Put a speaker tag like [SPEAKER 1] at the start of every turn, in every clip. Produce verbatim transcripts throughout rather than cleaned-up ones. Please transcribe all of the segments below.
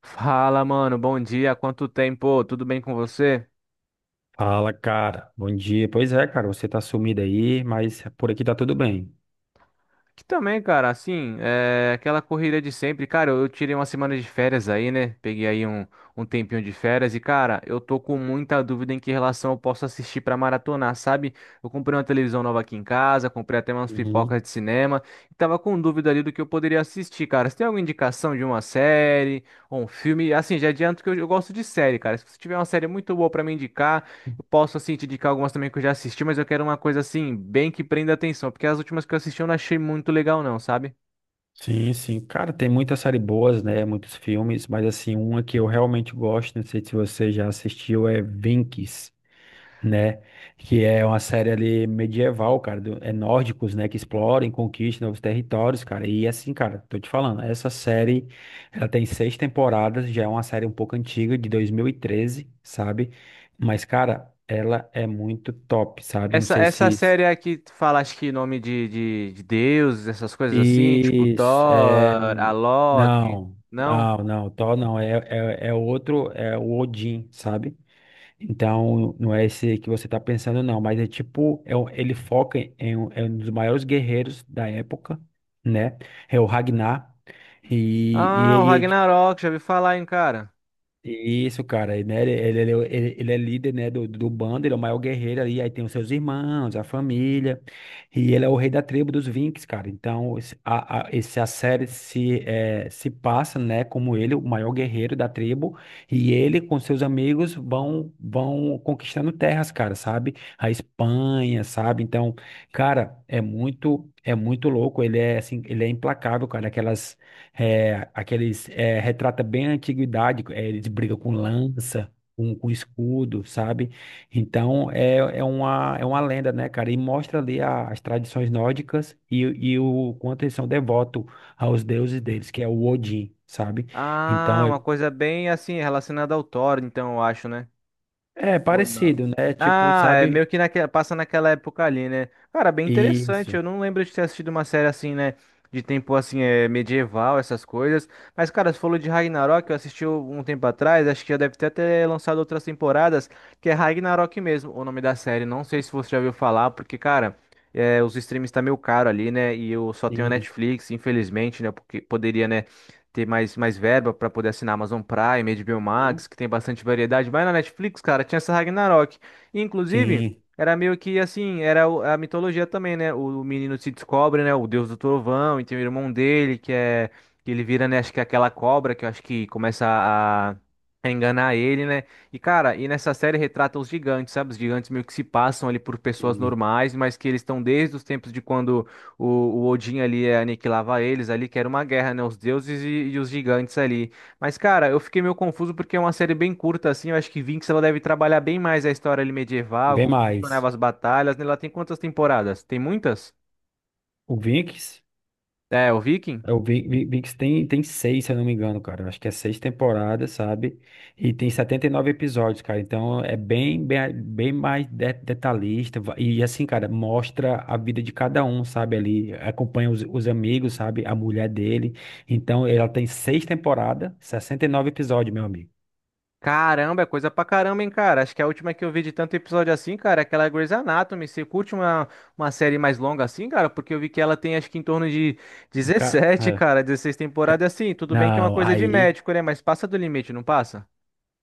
[SPEAKER 1] Fala, mano, bom dia, quanto tempo, tudo bem com você?
[SPEAKER 2] Fala, cara. Bom dia. Pois é, cara, você tá sumido aí, mas por aqui tá tudo bem.
[SPEAKER 1] Aqui também, cara, assim, é aquela corrida de sempre, cara, eu eu tirei uma semana de férias aí, né, peguei aí um, um tempinho de férias e, cara, eu tô com muita dúvida em que relação eu posso assistir pra maratonar, sabe? Eu comprei uma televisão nova aqui em casa, comprei até umas
[SPEAKER 2] Uhum.
[SPEAKER 1] pipocas de cinema e tava com dúvida ali do que eu poderia assistir, cara, você tem alguma indicação de uma série ou um filme? Assim, já adianto que eu, eu gosto de série, cara, se você tiver uma série muito boa pra me indicar, eu posso, assim, te indicar algumas também que eu já assisti, mas eu quero uma coisa, assim, bem que prenda atenção, porque as últimas que eu assisti eu não achei muito legal, não, sabe?
[SPEAKER 2] Sim, sim. Cara, tem muitas séries boas, né? Muitos filmes, mas assim, uma que eu realmente gosto, não sei se você já assistiu, é Vinx. né? Que é uma série ali medieval, cara, do- é nórdicos, né, que exploram e conquistam novos territórios, cara. E assim, cara, tô te falando, essa série, ela tem seis temporadas, já é uma série um pouco antiga, de dois mil e treze, sabe? Mas, cara, ela é muito top, sabe? Não
[SPEAKER 1] Essa,
[SPEAKER 2] sei
[SPEAKER 1] essa
[SPEAKER 2] se...
[SPEAKER 1] série aqui tu fala, acho que nome de, de, de deuses, essas coisas assim, tipo
[SPEAKER 2] Isso, é...
[SPEAKER 1] Thor, a Loki,
[SPEAKER 2] Não,
[SPEAKER 1] não?
[SPEAKER 2] não, não, Thor não, é, é, é outro, é o Odin, sabe? Então, não é esse que você está pensando, não, mas é tipo, é, um- ele foca em, um é um dos maiores guerreiros da época, né? É o Ragnar. E,
[SPEAKER 1] Ah, o
[SPEAKER 2] e, e,
[SPEAKER 1] Ragnarok, já ouvi falar, hein, cara?
[SPEAKER 2] isso, cara, e, né? Ele, ele, ele, ele ele é líder, né, do, do bando, ele é o maior guerreiro ali, aí tem os seus irmãos, a família, e ele é o rei da tribo dos Vinks, cara. Então, esse- a, a, esse, a série se, eh, se passa, né, como ele, o maior guerreiro da tribo, e ele com seus amigos vão, vão conquistando terras, cara, sabe? A Espanha, sabe? Então, cara, é muito, é muito louco, ele é, assim, ele é implacável, cara, aquelas é, aqueles é, retrata bem a antiguidade, é, eles brigam com lança, com, com escudo, sabe? Então é, é uma, é uma lenda, né, cara? E mostra ali a- as tradições nórdicas e, e o quanto eles são devotos aos deuses deles, que é o Odin, sabe?
[SPEAKER 1] Ah,
[SPEAKER 2] Então é,
[SPEAKER 1] uma coisa bem, assim, relacionada ao Thor, então, eu acho, né?
[SPEAKER 2] é
[SPEAKER 1] Ou não?
[SPEAKER 2] parecido, né? Tipo,
[SPEAKER 1] Ah, é
[SPEAKER 2] sabe?
[SPEAKER 1] meio que naquela, passa naquela época ali, né? Cara, bem interessante.
[SPEAKER 2] Isso.
[SPEAKER 1] Eu não lembro de ter assistido uma série assim, né? De tempo assim, é, medieval, essas coisas. Mas, cara, você falou de Ragnarok, eu assisti um tempo atrás, acho que já deve ter até lançado outras temporadas, que é Ragnarok mesmo, o nome da série. Não sei se você já ouviu falar, porque, cara, é, os streams tá meio caro ali, né? E eu só tenho a
[SPEAKER 2] Sim.
[SPEAKER 1] Netflix, infelizmente, né? Porque poderia, né? Ter mais, mais verba para poder assinar Amazon Prime, H B O
[SPEAKER 2] Uhum.
[SPEAKER 1] Max, que tem bastante variedade. Mas na Netflix, cara, tinha essa Ragnarok. E, inclusive,
[SPEAKER 2] Sim,
[SPEAKER 1] era meio que assim, era o- a mitologia também, né? O, o menino se descobre, né? O deus do trovão, e tem o irmão dele, que é. Que ele vira, né? Acho que é aquela cobra que eu acho que começa a. A enganar ele, né? E cara, e nessa série retrata os gigantes, sabe? Os gigantes meio que se passam ali por pessoas
[SPEAKER 2] sim.
[SPEAKER 1] normais, mas que eles estão desde os tempos de quando o, o Odin ali é, aniquilava eles ali, que era uma guerra, né? Os deuses e, e os gigantes ali. Mas, cara, eu fiquei meio confuso porque é uma série bem curta, assim. Eu acho que Vinx ela deve trabalhar bem mais a história ali medieval,
[SPEAKER 2] Bem
[SPEAKER 1] como funcionava
[SPEAKER 2] mais.
[SPEAKER 1] as batalhas, né? Ela tem quantas temporadas? Tem muitas?
[SPEAKER 2] O Vikings.
[SPEAKER 1] É, o Viking?
[SPEAKER 2] O Vi- Vi- VIX tem, tem seis, se eu não me engano, cara. Eu acho que é seis temporadas, sabe? E tem setenta e nove episódios, cara. Então é bem, bem, bem mais de- detalhista. Va- E assim, cara, mostra a vida de cada um, sabe? Ali acompanha os, os amigos, sabe? A mulher dele. Então ela tem seis temporadas, sessenta e nove episódios, meu amigo.
[SPEAKER 1] Caramba, é coisa pra caramba, hein, cara? Acho que a última que eu vi de tanto episódio assim, cara, é aquela Grey's Anatomy. Você curte uma, uma série mais longa assim, cara? Porque eu vi que ela tem acho que em torno de
[SPEAKER 2] Um ca-
[SPEAKER 1] dezessete
[SPEAKER 2] é,
[SPEAKER 1] cara, dezesseis
[SPEAKER 2] ca-
[SPEAKER 1] temporadas assim. Tudo bem que é uma
[SPEAKER 2] Não,
[SPEAKER 1] coisa de
[SPEAKER 2] aí.
[SPEAKER 1] médico, né? Mas passa do limite, não passa?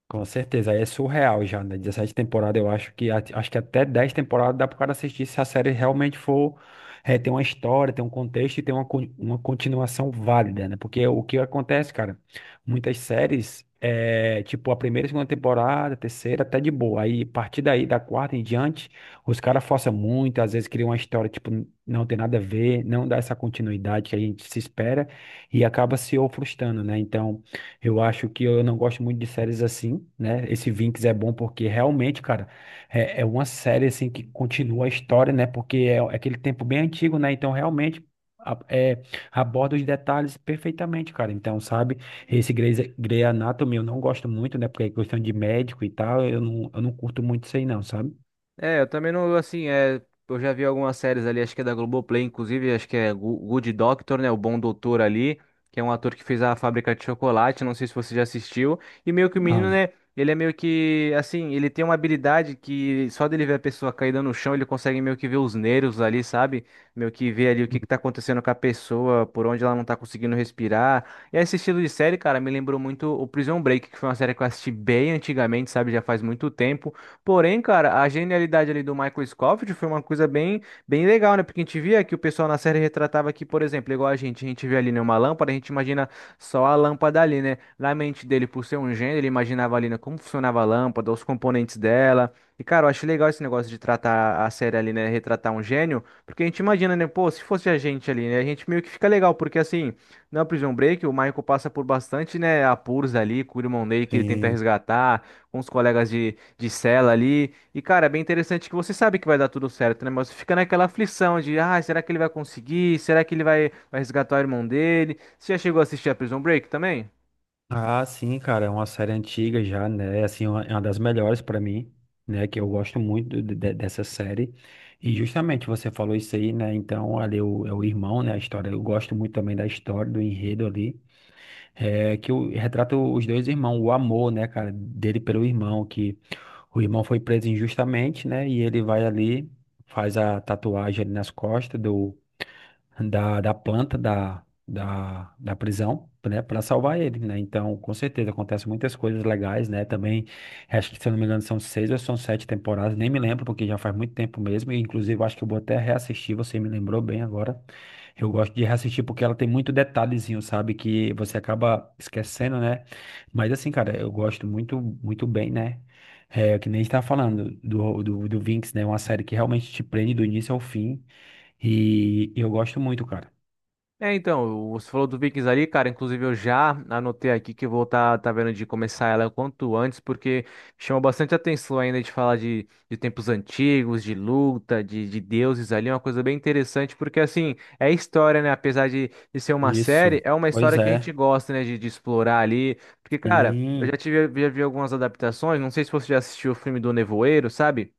[SPEAKER 2] Com certeza, aí é surreal já, né? Dezessete temporadas, eu acho que at- acho que até dez temporadas dá pro cara assistir se a série realmente for é, tem uma história, tem um contexto e tem uma, con- uma continuação válida, né? Porque o que acontece, cara, muitas séries é tipo a primeira, segunda temporada, terceira, até de boa. Aí, a partir daí, da quarta em diante, os caras forçam muito, às vezes criam uma história, tipo, n- não tem nada a ver, não dá essa continuidade que a gente se espera e acaba se ou frustrando, né? Então. Eu acho que eu não gosto muito de séries assim, né? Esse Vinx é bom porque realmente, cara, é, é uma série assim que continua a história, né? Porque é, é aquele tempo bem antigo, né? Então realmente a- é, aborda os detalhes perfeitamente, cara. Então, sabe, esse Grey's, Grey Anatomy eu não gosto muito, né? Porque é questão de médico e tal, eu não, eu não curto muito isso aí não, sabe?
[SPEAKER 1] É, eu também não, assim, é, eu já vi algumas séries ali, acho que é da Globoplay, inclusive, acho que é Go- Good Doctor, né, o Bom Doutor ali, que é um ator que fez a Fábrica de Chocolate, não sei se você já assistiu, e meio que o menino,
[SPEAKER 2] Não.
[SPEAKER 1] né, ele é meio que, assim, ele tem uma habilidade que só dele ver a pessoa caída no chão, ele consegue meio que ver os nervos ali, sabe? Meio que ver ali o que que tá acontecendo com a pessoa, por onde ela não tá conseguindo respirar. E esse estilo de série, cara, me lembrou muito o Prison Break, que foi uma série que eu assisti bem antigamente, sabe, já faz muito tempo, porém, cara, a genialidade ali do Michael Scofield foi uma coisa bem, bem legal, né? Porque a gente via que o pessoal na série retratava que, por exemplo, igual a gente, a gente vê ali, né, uma lâmpada, a gente imagina só a lâmpada ali, né? Na mente dele, por ser um gênio, ele imaginava ali, né, como funcionava a lâmpada, os componentes dela. E, cara, eu acho legal esse negócio de tratar a série ali, né? Retratar um gênio, porque a gente imagina, né? Pô, se fosse a gente ali, né? A gente meio que fica legal, porque assim, na Prison Break, o Michael passa por bastante, né, apuros ali, com o irmão dele que ele tenta
[SPEAKER 2] Sim.
[SPEAKER 1] resgatar, com os colegas de de cela ali. E, cara, é bem interessante que você sabe que vai dar tudo certo, né? Mas você fica naquela aflição de, ah, será que ele vai conseguir? Será que ele vai, vai resgatar o irmão dele? Você já chegou a assistir a Prison Break também?
[SPEAKER 2] Ah, sim, cara, é uma série antiga já, né? Assim, uma- é uma das melhores pra mim, né? Que eu gosto muito de- de- dessa série. E justamente você falou isso aí, né? Então, ali é o, é o irmão, né? A história, eu gosto muito também da história, do enredo ali. É, que o, retrata os dois irmãos, o amor, né, cara, dele pelo irmão, que o irmão foi preso injustamente, né? E ele vai ali, faz a tatuagem ali nas costas da, da planta da, da, da prisão, né, para salvar ele, né? Então, com certeza, acontecem muitas coisas legais, né? Também, acho que, se eu não me engano, são seis ou são sete temporadas, nem me lembro, porque já faz muito tempo mesmo, e inclusive eu acho que eu vou até reassistir, você me lembrou bem agora. Eu gosto de reassistir porque ela tem muito detalhezinho, sabe? Que você acaba esquecendo, né? Mas assim, cara, eu gosto muito, muito bem, né? É, que nem está falando do, do, do Vinx, né? Uma série que realmente te prende do início ao fim. E eu gosto muito, cara.
[SPEAKER 1] É, então, você falou do Vikings ali, cara. Inclusive, eu já anotei aqui que eu vou estar tá, tá vendo de começar ela o quanto antes, porque chama bastante atenção ainda de falar de, de tempos antigos, de luta, de, de deuses ali. É uma coisa bem interessante, porque assim, é história, né? Apesar de, de ser uma série,
[SPEAKER 2] Isso.
[SPEAKER 1] é uma
[SPEAKER 2] Pois
[SPEAKER 1] história que a gente
[SPEAKER 2] é.
[SPEAKER 1] gosta, né? De, de explorar ali. Porque, cara, eu já
[SPEAKER 2] Sim,
[SPEAKER 1] tive, já vi algumas adaptações. Não sei se você já assistiu o filme do Nevoeiro, sabe?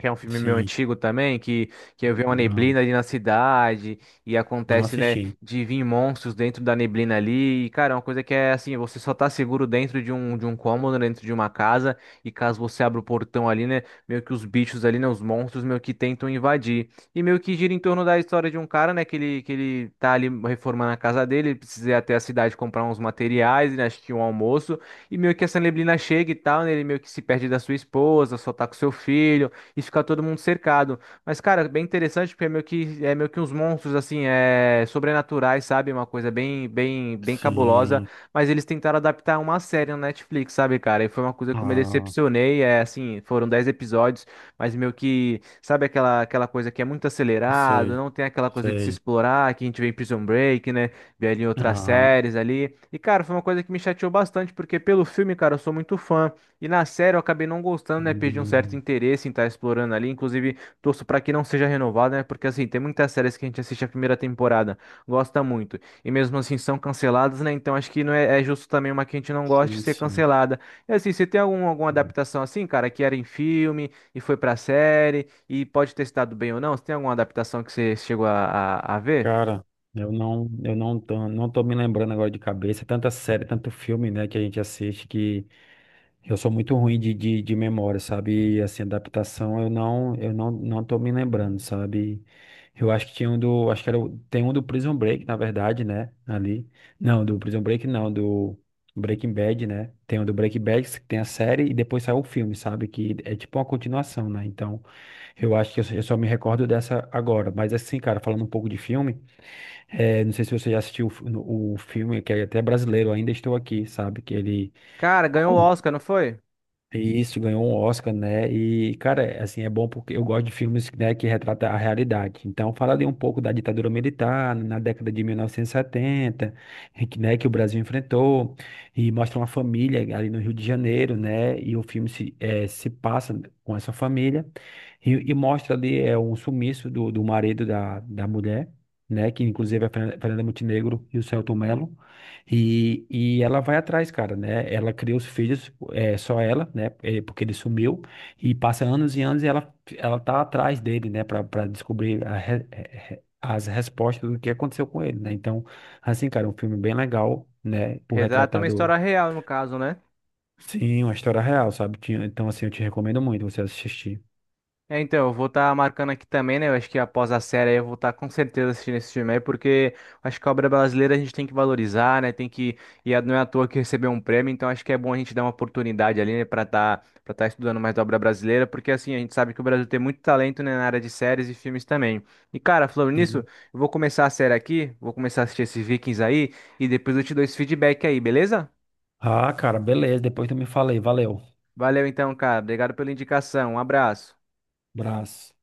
[SPEAKER 1] Que é um filme meio
[SPEAKER 2] sim.
[SPEAKER 1] antigo também, que, que eu vi uma neblina
[SPEAKER 2] Não,
[SPEAKER 1] ali na cidade, e
[SPEAKER 2] não
[SPEAKER 1] acontece, né,
[SPEAKER 2] assisti.
[SPEAKER 1] de vir monstros dentro da neblina ali, e, cara, é uma coisa que é assim, você só tá seguro dentro de um, de um cômodo, né, dentro de uma casa, e caso você abra o portão ali, né, meio que os bichos ali, né, os monstros meio que tentam invadir. E meio que gira em torno da história de um cara, né, que ele, que ele tá ali reformando a casa dele, ele precisa ir até a cidade comprar uns materiais, né, acho que um almoço, e meio que essa neblina chega e tal, né, ele meio que se perde da sua esposa, só tá com seu filho, e fica todo mundo cercado. Mas, cara, bem interessante porque é meio que, é meio que uns monstros, assim, é, sobrenaturais, sabe? Uma coisa bem, bem, bem cabulosa.
[SPEAKER 2] Sim.
[SPEAKER 1] Mas eles tentaram adaptar uma série no Netflix, sabe, cara? E foi uma coisa que eu me
[SPEAKER 2] Ah,
[SPEAKER 1] decepcionei. É assim, foram dez episódios, mas meio que, sabe aquela, aquela coisa que é muito
[SPEAKER 2] eu
[SPEAKER 1] acelerado,
[SPEAKER 2] sei,
[SPEAKER 1] não tem aquela coisa de se
[SPEAKER 2] sei.
[SPEAKER 1] explorar, que a gente vê em Prison Break, né? Vê ali em outras
[SPEAKER 2] Aham.
[SPEAKER 1] séries ali. E, cara, foi uma coisa que me chateou bastante, porque pelo filme, cara, eu sou muito fã. E na série eu acabei não gostando, né? Perdi um certo
[SPEAKER 2] E-
[SPEAKER 1] interesse em estar explorando ali. Inclusive, torço para que não seja renovada, né? Porque assim, tem muitas séries que a gente assiste a primeira temporada, gosta muito. E mesmo assim são canceladas, né? Então acho que não é, é justo também uma que a gente não goste
[SPEAKER 2] Sim,
[SPEAKER 1] ser
[SPEAKER 2] sim.
[SPEAKER 1] cancelada. E assim, você tem algum, alguma adaptação assim, cara, que era em filme e foi pra série e pode ter estado bem ou não? Você tem alguma adaptação que você chegou a, a a ver?
[SPEAKER 2] Cara, eu não, eu não tô, não tô me lembrando agora de cabeça. Tanta série, tanto filme, né, que a gente assiste. Eu sou muito ruim de, de, de memória, sabe? E, assim, adaptação eu não, eu não, não tô me lembrando, sabe? Eu acho que tinha um do, acho que era, o- tem um do Prison Break, na verdade, né? Ali. Não, do Prison Break não, do Breaking Bad, né? Tem um do Breaking Bad, que tem a série e depois saiu o filme, sabe? Que é tipo uma continuação, né? Então, eu acho que eu, só eu só me recordo dessa agora. Mas assim, cara, falando um pouco de filme, eh, não sei se você já assistiu o, fi- o filme, que é até brasileiro, Ainda Estou Aqui, sabe? Que ele
[SPEAKER 1] Cara, ganhou o Oscar, não foi?
[SPEAKER 2] Isso, ganhou um Oscar, né? E, cara, assim, é bom porque eu gosto de filmes, né, que retratam a realidade. Então, fala ali um pouco da ditadura militar na década de mil novecentos e setenta, em que, né, que o Brasil enfrentou, e mostra uma família ali no Rio de Janeiro, né? E o filme se, eh, se passa com essa família e, e mostra ali é, um sumiço do, do marido da, da mulher, né? Que inclusive é a Fernanda Montenegro e o Selton Mello. E, e ela vai atrás, cara, né? Ela cria os filhos, é, só ela, né? É, porque ele sumiu e passa anos e anos e ela, ela tá atrás dele, né? Pra, pra descobrir a re- re- as respostas do que aconteceu com ele, né? Então, assim, cara, um filme bem legal, né? Por
[SPEAKER 1] Retrata
[SPEAKER 2] retratar
[SPEAKER 1] uma
[SPEAKER 2] do
[SPEAKER 1] história real, no caso, né?
[SPEAKER 2] Sim, uma história real, sabe? Tinha- Então, assim, eu te recomendo muito você assistir.
[SPEAKER 1] É, então, eu vou estar marcando aqui também, né? Eu acho que após a série aí eu vou estar com certeza assistindo esse filme aí, porque acho que a obra brasileira a gente tem que valorizar, né? Tem que. E a- não é à toa que recebeu um prêmio, então acho que é bom a gente dar uma oportunidade ali, né, pra estar para estar estudando mais da obra brasileira, porque assim, a gente sabe que o Brasil tem muito talento, né, na área de séries e filmes também. E cara, falando nisso,
[SPEAKER 2] Sim.
[SPEAKER 1] eu vou começar a série aqui, vou começar a assistir esses Vikings aí, e depois eu te dou esse feedback aí, beleza?
[SPEAKER 2] Ah, cara, beleza. Depois tu me fala aí. Valeu.
[SPEAKER 1] Valeu então, cara. Obrigado pela indicação. Um abraço.
[SPEAKER 2] Abraço.